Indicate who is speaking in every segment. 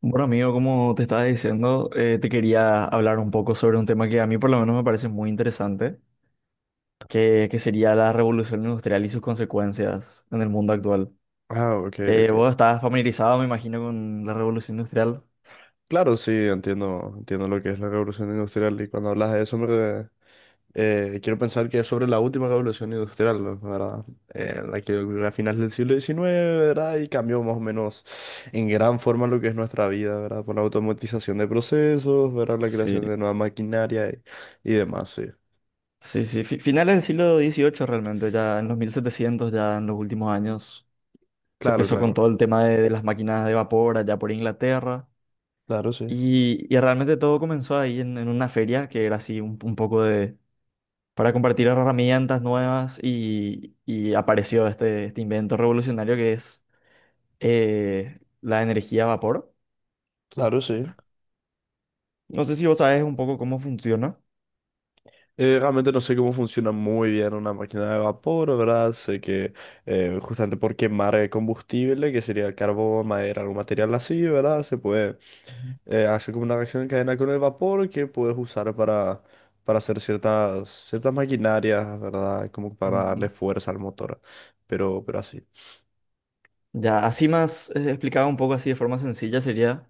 Speaker 1: Bueno, amigo, como te estaba diciendo, te quería hablar un poco sobre un tema que a mí por lo menos me parece muy interesante, que sería la revolución industrial y sus consecuencias en el mundo actual.
Speaker 2: Ah, ok, ok.
Speaker 1: Vos estás familiarizado, me imagino, con la revolución industrial.
Speaker 2: Claro, sí, entiendo, entiendo lo que es la revolución industrial y cuando hablas de eso, me, quiero pensar que es sobre la última revolución industrial, ¿no? ¿Verdad? La que ocurrió a finales del siglo diecinueve, ¿verdad? Y cambió más o menos en gran forma lo que es nuestra vida, ¿verdad? Por la automatización de procesos, ¿verdad? La
Speaker 1: Sí,
Speaker 2: creación de nueva maquinaria y demás, sí.
Speaker 1: sí, sí. Finales del siglo XVIII realmente, ya en los 1700, ya en los últimos años, se
Speaker 2: Claro,
Speaker 1: empezó
Speaker 2: claro.
Speaker 1: con todo el tema de las máquinas de vapor allá por Inglaterra.
Speaker 2: Claro, sí.
Speaker 1: Y realmente todo comenzó ahí en una feria que era así un poco de para compartir herramientas nuevas y apareció este invento revolucionario que es la energía a vapor.
Speaker 2: Claro, sí.
Speaker 1: No sé si vos sabes un poco cómo funciona.
Speaker 2: Realmente no sé cómo funciona muy bien una máquina de vapor, ¿verdad? Sé que justamente por quemar combustible, que sería carbón, madera, algún material así, ¿verdad? Se puede
Speaker 1: Ujú.
Speaker 2: hacer como una reacción en cadena con el vapor que puedes usar para hacer ciertas maquinarias, ¿verdad? Como para
Speaker 1: Mm.
Speaker 2: darle fuerza al motor, pero así.
Speaker 1: Ya, así más explicado un poco así de forma sencilla sería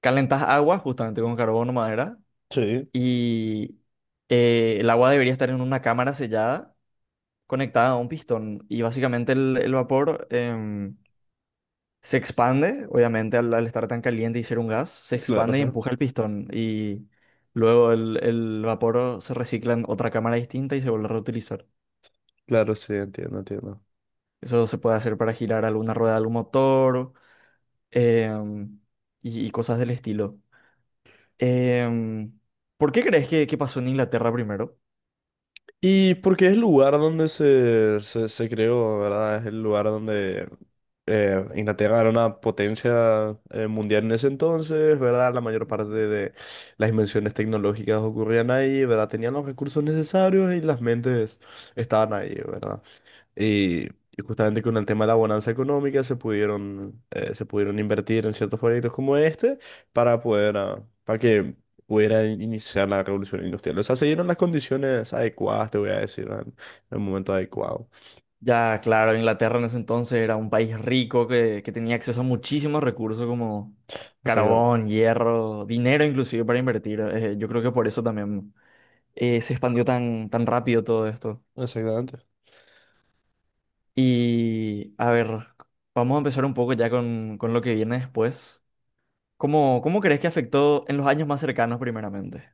Speaker 1: calentas agua justamente con carbono madera
Speaker 2: Sí,
Speaker 1: y el agua debería estar en una cámara sellada conectada a un pistón y básicamente el vapor se expande, obviamente, al estar tan caliente y ser un gas, se
Speaker 2: claro,
Speaker 1: expande y
Speaker 2: sí.
Speaker 1: empuja el pistón. Y luego el vapor se recicla en otra cámara distinta y se vuelve a reutilizar.
Speaker 2: Claro, sí, entiendo, entiendo.
Speaker 1: Eso se puede hacer para girar alguna rueda de algún motor em, y cosas del estilo. Em, ¿Por qué crees que pasó en Inglaterra primero?
Speaker 2: Y porque es el lugar donde se creó, ¿verdad? Es el lugar donde Inglaterra era una potencia mundial en ese entonces, ¿verdad? La mayor parte de las invenciones tecnológicas ocurrían ahí, ¿verdad? Tenían los recursos necesarios y las mentes estaban ahí, ¿verdad? Y justamente con el tema de la bonanza económica se pudieron invertir en ciertos proyectos como este para poder, para que pudiera iniciar la revolución industrial. O sea, se dieron las condiciones adecuadas, te voy a decir, en el momento adecuado.
Speaker 1: Ya, claro, Inglaterra en ese entonces era un país rico que tenía acceso a muchísimos recursos como
Speaker 2: Exactamente.
Speaker 1: carbón, hierro, dinero inclusive para invertir. Yo creo que por eso también. Se expandió tan rápido todo esto.
Speaker 2: Exactamente.
Speaker 1: Y a ver, vamos a empezar un poco ya con lo que viene después. ¿Cómo crees que afectó en los años más cercanos primeramente?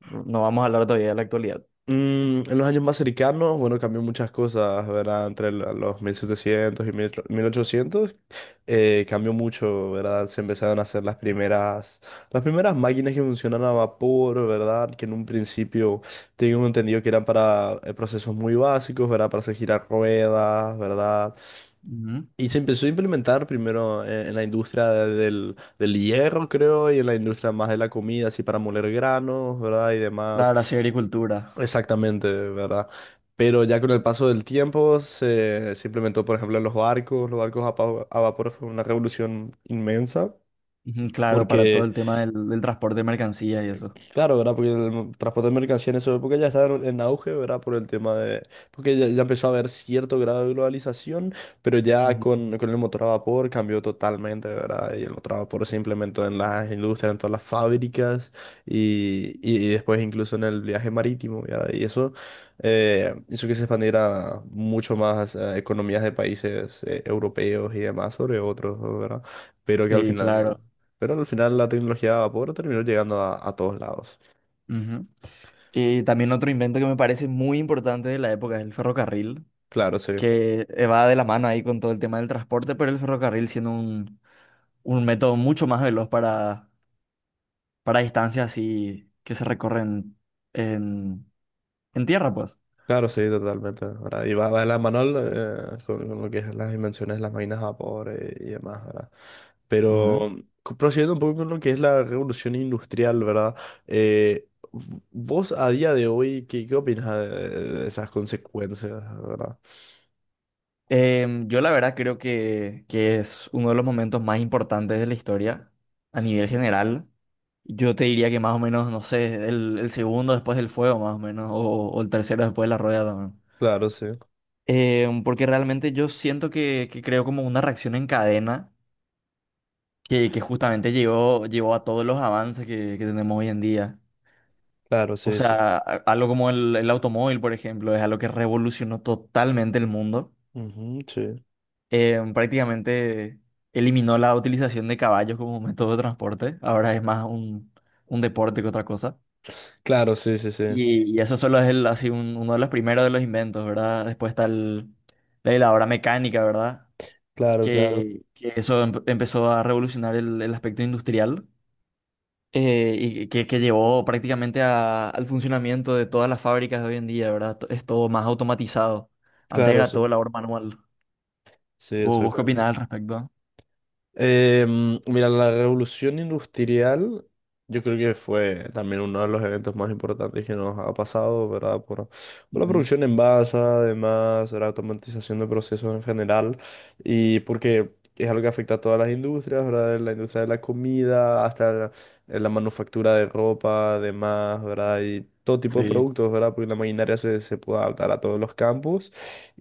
Speaker 1: No vamos a hablar todavía de la actualidad.
Speaker 2: Mm, en los años más cercanos, bueno, cambió muchas cosas, ¿verdad? Los 1700 y 1800, cambió mucho, ¿verdad? Se empezaron a hacer las las primeras máquinas que funcionan a vapor, ¿verdad? Que en un principio tengo entendido que eran para procesos muy básicos, ¿verdad? Para hacer girar ruedas, ¿verdad?
Speaker 1: Ujú.
Speaker 2: Y se empezó a implementar primero en la industria del hierro, creo, y en la industria más de la comida, así para moler granos, ¿verdad? Y
Speaker 1: La
Speaker 2: demás.
Speaker 1: gracia de agricultura.
Speaker 2: Exactamente, ¿verdad? Pero ya con el paso del tiempo se implementó, por ejemplo, en los barcos. Los barcos a vapor fue una revolución inmensa
Speaker 1: Ujú, claro, para todo
Speaker 2: porque
Speaker 1: el tema del transporte de mercancías y eso.
Speaker 2: claro, ¿verdad? Porque el transporte de mercancías en esa época ya estaba en auge, ¿verdad? Por el tema de... Porque ya empezó a haber cierto grado de globalización, pero ya
Speaker 1: Ujú.
Speaker 2: con el motor a vapor cambió totalmente, ¿verdad? Y el motor a vapor se implementó en las industrias, en todas las fábricas y después incluso en el viaje marítimo, ¿verdad? Y eso hizo que se expandiera mucho más a economías de países europeos y demás sobre otros, ¿verdad? Pero que al
Speaker 1: Sí,
Speaker 2: final...
Speaker 1: claro.
Speaker 2: Pero al final la tecnología de vapor terminó llegando a todos lados.
Speaker 1: Ujú. Y también otro invento que me parece muy importante de la época es el ferrocarril,
Speaker 2: Claro, sí,
Speaker 1: que va de la mano ahí con todo el tema del transporte, pero el ferrocarril siendo un método mucho más veloz para distancias así que se recorren en, en tierra, pues.
Speaker 2: claro, sí, totalmente. Ahora, y va, va de la mano con lo que es las invenciones de las máquinas a vapor y demás, ¿verdad?
Speaker 1: Ujú.
Speaker 2: Pero mm, prosiguiendo un poco con lo que es la revolución industrial, ¿verdad? Vos a día de hoy, ¿qué, qué opinas de esas consecuencias, ¿verdad?
Speaker 1: Yo la verdad creo que es uno de los momentos más importantes de la historia a nivel general. Yo te diría que más o menos, no sé, el segundo después del fuego, más o menos, o el tercero después de la rueda también.
Speaker 2: Claro, sí,
Speaker 1: Porque realmente yo siento que creo como una reacción en cadena que justamente llevó a todos los avances que tenemos hoy en día.
Speaker 2: claro,
Speaker 1: O
Speaker 2: sí, sí.
Speaker 1: sea, algo como el automóvil, por ejemplo, es algo que revolucionó totalmente el mundo.
Speaker 2: Ujú, sí.
Speaker 1: Prácticamente eliminó la utilización de caballos como método de transporte. Ahora es más un deporte que otra cosa.
Speaker 2: Claro, sí, sí, sí.
Speaker 1: Y eso solo es así uno de los primeros de los inventos, ¿verdad? Después está la heladora mecánica, ¿verdad?
Speaker 2: Claro, claro,
Speaker 1: Que eso empezó a revolucionar el aspecto industrial. Y que llevó prácticamente al funcionamiento de todas las fábricas de hoy en día, ¿verdad? Es todo más automatizado. Antes
Speaker 2: claro,
Speaker 1: era todo
Speaker 2: sí.
Speaker 1: labor manual.
Speaker 2: Sí,
Speaker 1: ¿Vos,
Speaker 2: eso.
Speaker 1: vos qué opinás al respecto?
Speaker 2: Em, mira, la revolución industrial yo creo que fue también uno de los eventos más importantes que nos ha pasado, ¿verdad? Por la
Speaker 1: Ujú.
Speaker 2: producción en masa, además, la automatización de procesos en general, y porque es algo que afecta a todas las industrias, ¿verdad? De la industria de la comida, hasta la manufactura de ropa, además, ¿verdad? Y todo tipo de
Speaker 1: Sí.
Speaker 2: productos, ¿verdad? Porque la maquinaria se puede adaptar a todos los campos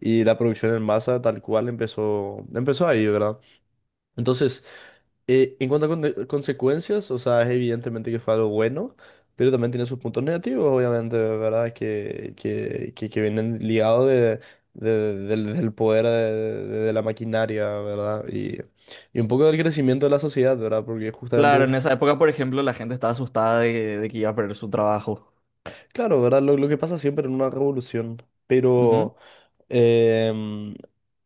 Speaker 2: y la producción en masa tal cual empezó, empezó ahí, ¿verdad? Entonces, en cuanto a consecuencias, o sea, es evidentemente que fue algo bueno, pero también tiene sus puntos negativos, obviamente, ¿verdad? Que vienen ligados de, del poder de, de la maquinaria, ¿verdad? Y un poco del crecimiento de la sociedad, ¿verdad? Porque
Speaker 1: Claro, en
Speaker 2: justamente,
Speaker 1: esa época, por ejemplo, la gente estaba asustada de que iba a perder su trabajo.
Speaker 2: claro, ¿verdad? Lo que pasa siempre en una revolución,
Speaker 1: Ujú.
Speaker 2: pero... Em,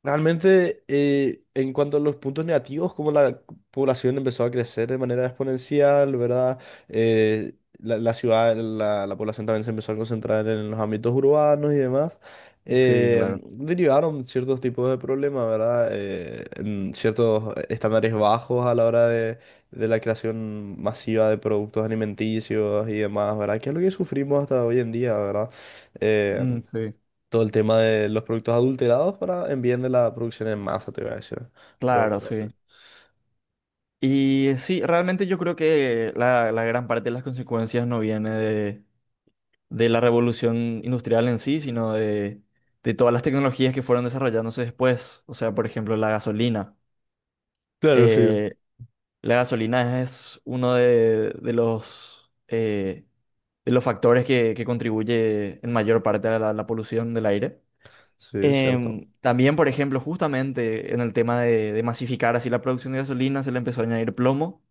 Speaker 2: realmente, en cuanto a los puntos negativos, como la población empezó a crecer de manera exponencial, ¿verdad? Eh, la ciudad, la población también se empezó a concentrar en los ámbitos urbanos y demás.
Speaker 1: Sí,
Speaker 2: Em,
Speaker 1: claro.
Speaker 2: derivaron ciertos tipos de problemas, ¿verdad? En ciertos estándares bajos a la hora de la creación masiva de productos alimenticios y demás, ¿verdad? Que es lo que sufrimos hasta hoy en día, ¿verdad? eh,
Speaker 1: Mm, sí.
Speaker 2: Todo el tema de los productos adulterados para en bien de la producción en masa, te voy a decir.
Speaker 1: Claro,
Speaker 2: Pero sí.
Speaker 1: sí. Y sí, realmente yo creo que la gran parte de las consecuencias no viene de la revolución industrial en sí, sino de todas las tecnologías que fueron desarrollándose después. O sea, por ejemplo, la gasolina.
Speaker 2: Claro, sí.
Speaker 1: Eh, la gasolina es uno de los factores que contribuye en mayor parte a la polución del aire.
Speaker 2: Sí, es cierto.
Speaker 1: También, por ejemplo, justamente en el tema de masificar así la producción de gasolina, se le empezó a añadir plomo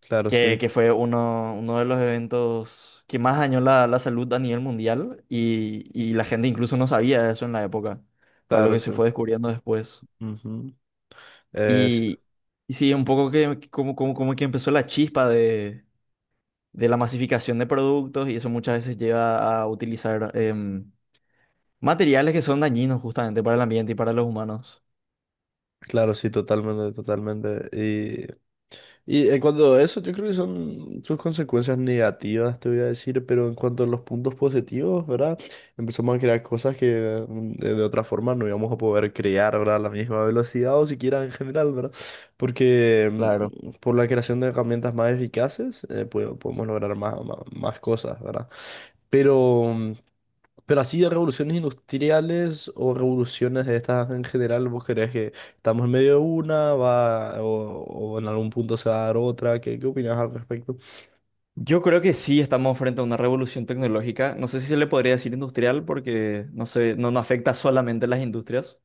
Speaker 2: Claro,
Speaker 1: que,
Speaker 2: sí.
Speaker 1: que fue uno de los eventos que más dañó la salud a nivel mundial y la gente incluso no sabía eso en la época. Fue algo
Speaker 2: Claro,
Speaker 1: que
Speaker 2: sí.
Speaker 1: se fue descubriendo después.
Speaker 2: Ujú. Eh,
Speaker 1: Y, y sí, un poco que como, como que empezó la chispa de la masificación de productos y eso muchas veces lleva a utilizar materiales que son dañinos justamente para el ambiente y para los humanos.
Speaker 2: Claro, sí, totalmente, totalmente. Y en cuanto a eso, yo creo que son sus consecuencias negativas, te voy a decir, pero en cuanto a los puntos positivos, ¿verdad? Empezamos a crear cosas que mm, de otra forma no íbamos a poder crear, ¿verdad? A la misma velocidad o siquiera en general, ¿verdad? Porque
Speaker 1: Claro.
Speaker 2: mm, por la creación de herramientas más eficaces, podemos lograr más, más cosas, ¿verdad? Pero... mm, pero así de revoluciones industriales o revoluciones de estas en general, ¿vos crees que estamos en medio de una, va, o en algún punto se va a dar otra? ¿Qué, qué opinás al respecto?
Speaker 1: Yo creo que sí estamos frente a una revolución tecnológica. No sé si se le podría decir industrial porque no sé, no afecta solamente a las industrias.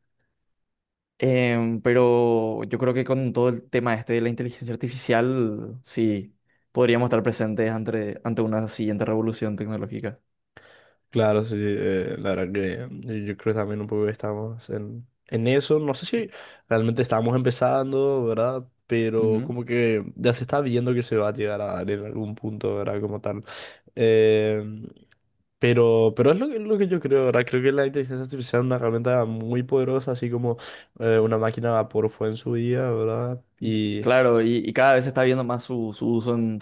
Speaker 1: Pero yo creo que con todo el tema este de la inteligencia artificial, sí, podríamos estar presentes ante una siguiente revolución tecnológica.
Speaker 2: Claro, sí, la verdad que yo creo también un poco que estamos en eso. No sé si realmente estamos empezando, ¿verdad? Pero
Speaker 1: Ujú.
Speaker 2: como que ya se está viendo que se va a llegar a dar en algún punto, ¿verdad? Como tal. Eh, pero es lo que yo creo, ¿verdad? Creo que la inteligencia artificial es una herramienta muy poderosa, así como una máquina a vapor fue en su día, ¿verdad?
Speaker 1: Mm.
Speaker 2: Y
Speaker 1: Claro, y cada vez se está viendo más su uso en,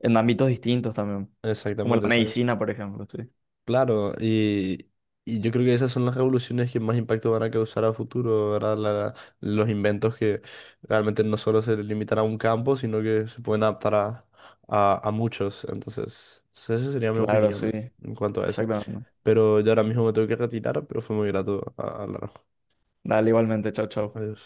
Speaker 1: en ámbitos distintos también, como la
Speaker 2: exactamente, exactamente.
Speaker 1: medicina, por ejemplo. Sí.
Speaker 2: Claro, y yo creo que esas son las revoluciones que más impacto van a causar a futuro, ¿verdad? Los inventos que realmente no solo se limitan a un campo, sino que se pueden adaptar a muchos. Entonces, esa sería mi
Speaker 1: Claro, sí,
Speaker 2: opinión en cuanto a eso.
Speaker 1: exactamente.
Speaker 2: Pero yo ahora mismo me tengo que retirar, pero fue muy grato hablar.
Speaker 1: Dale, igualmente, chao, chao.
Speaker 2: Adiós.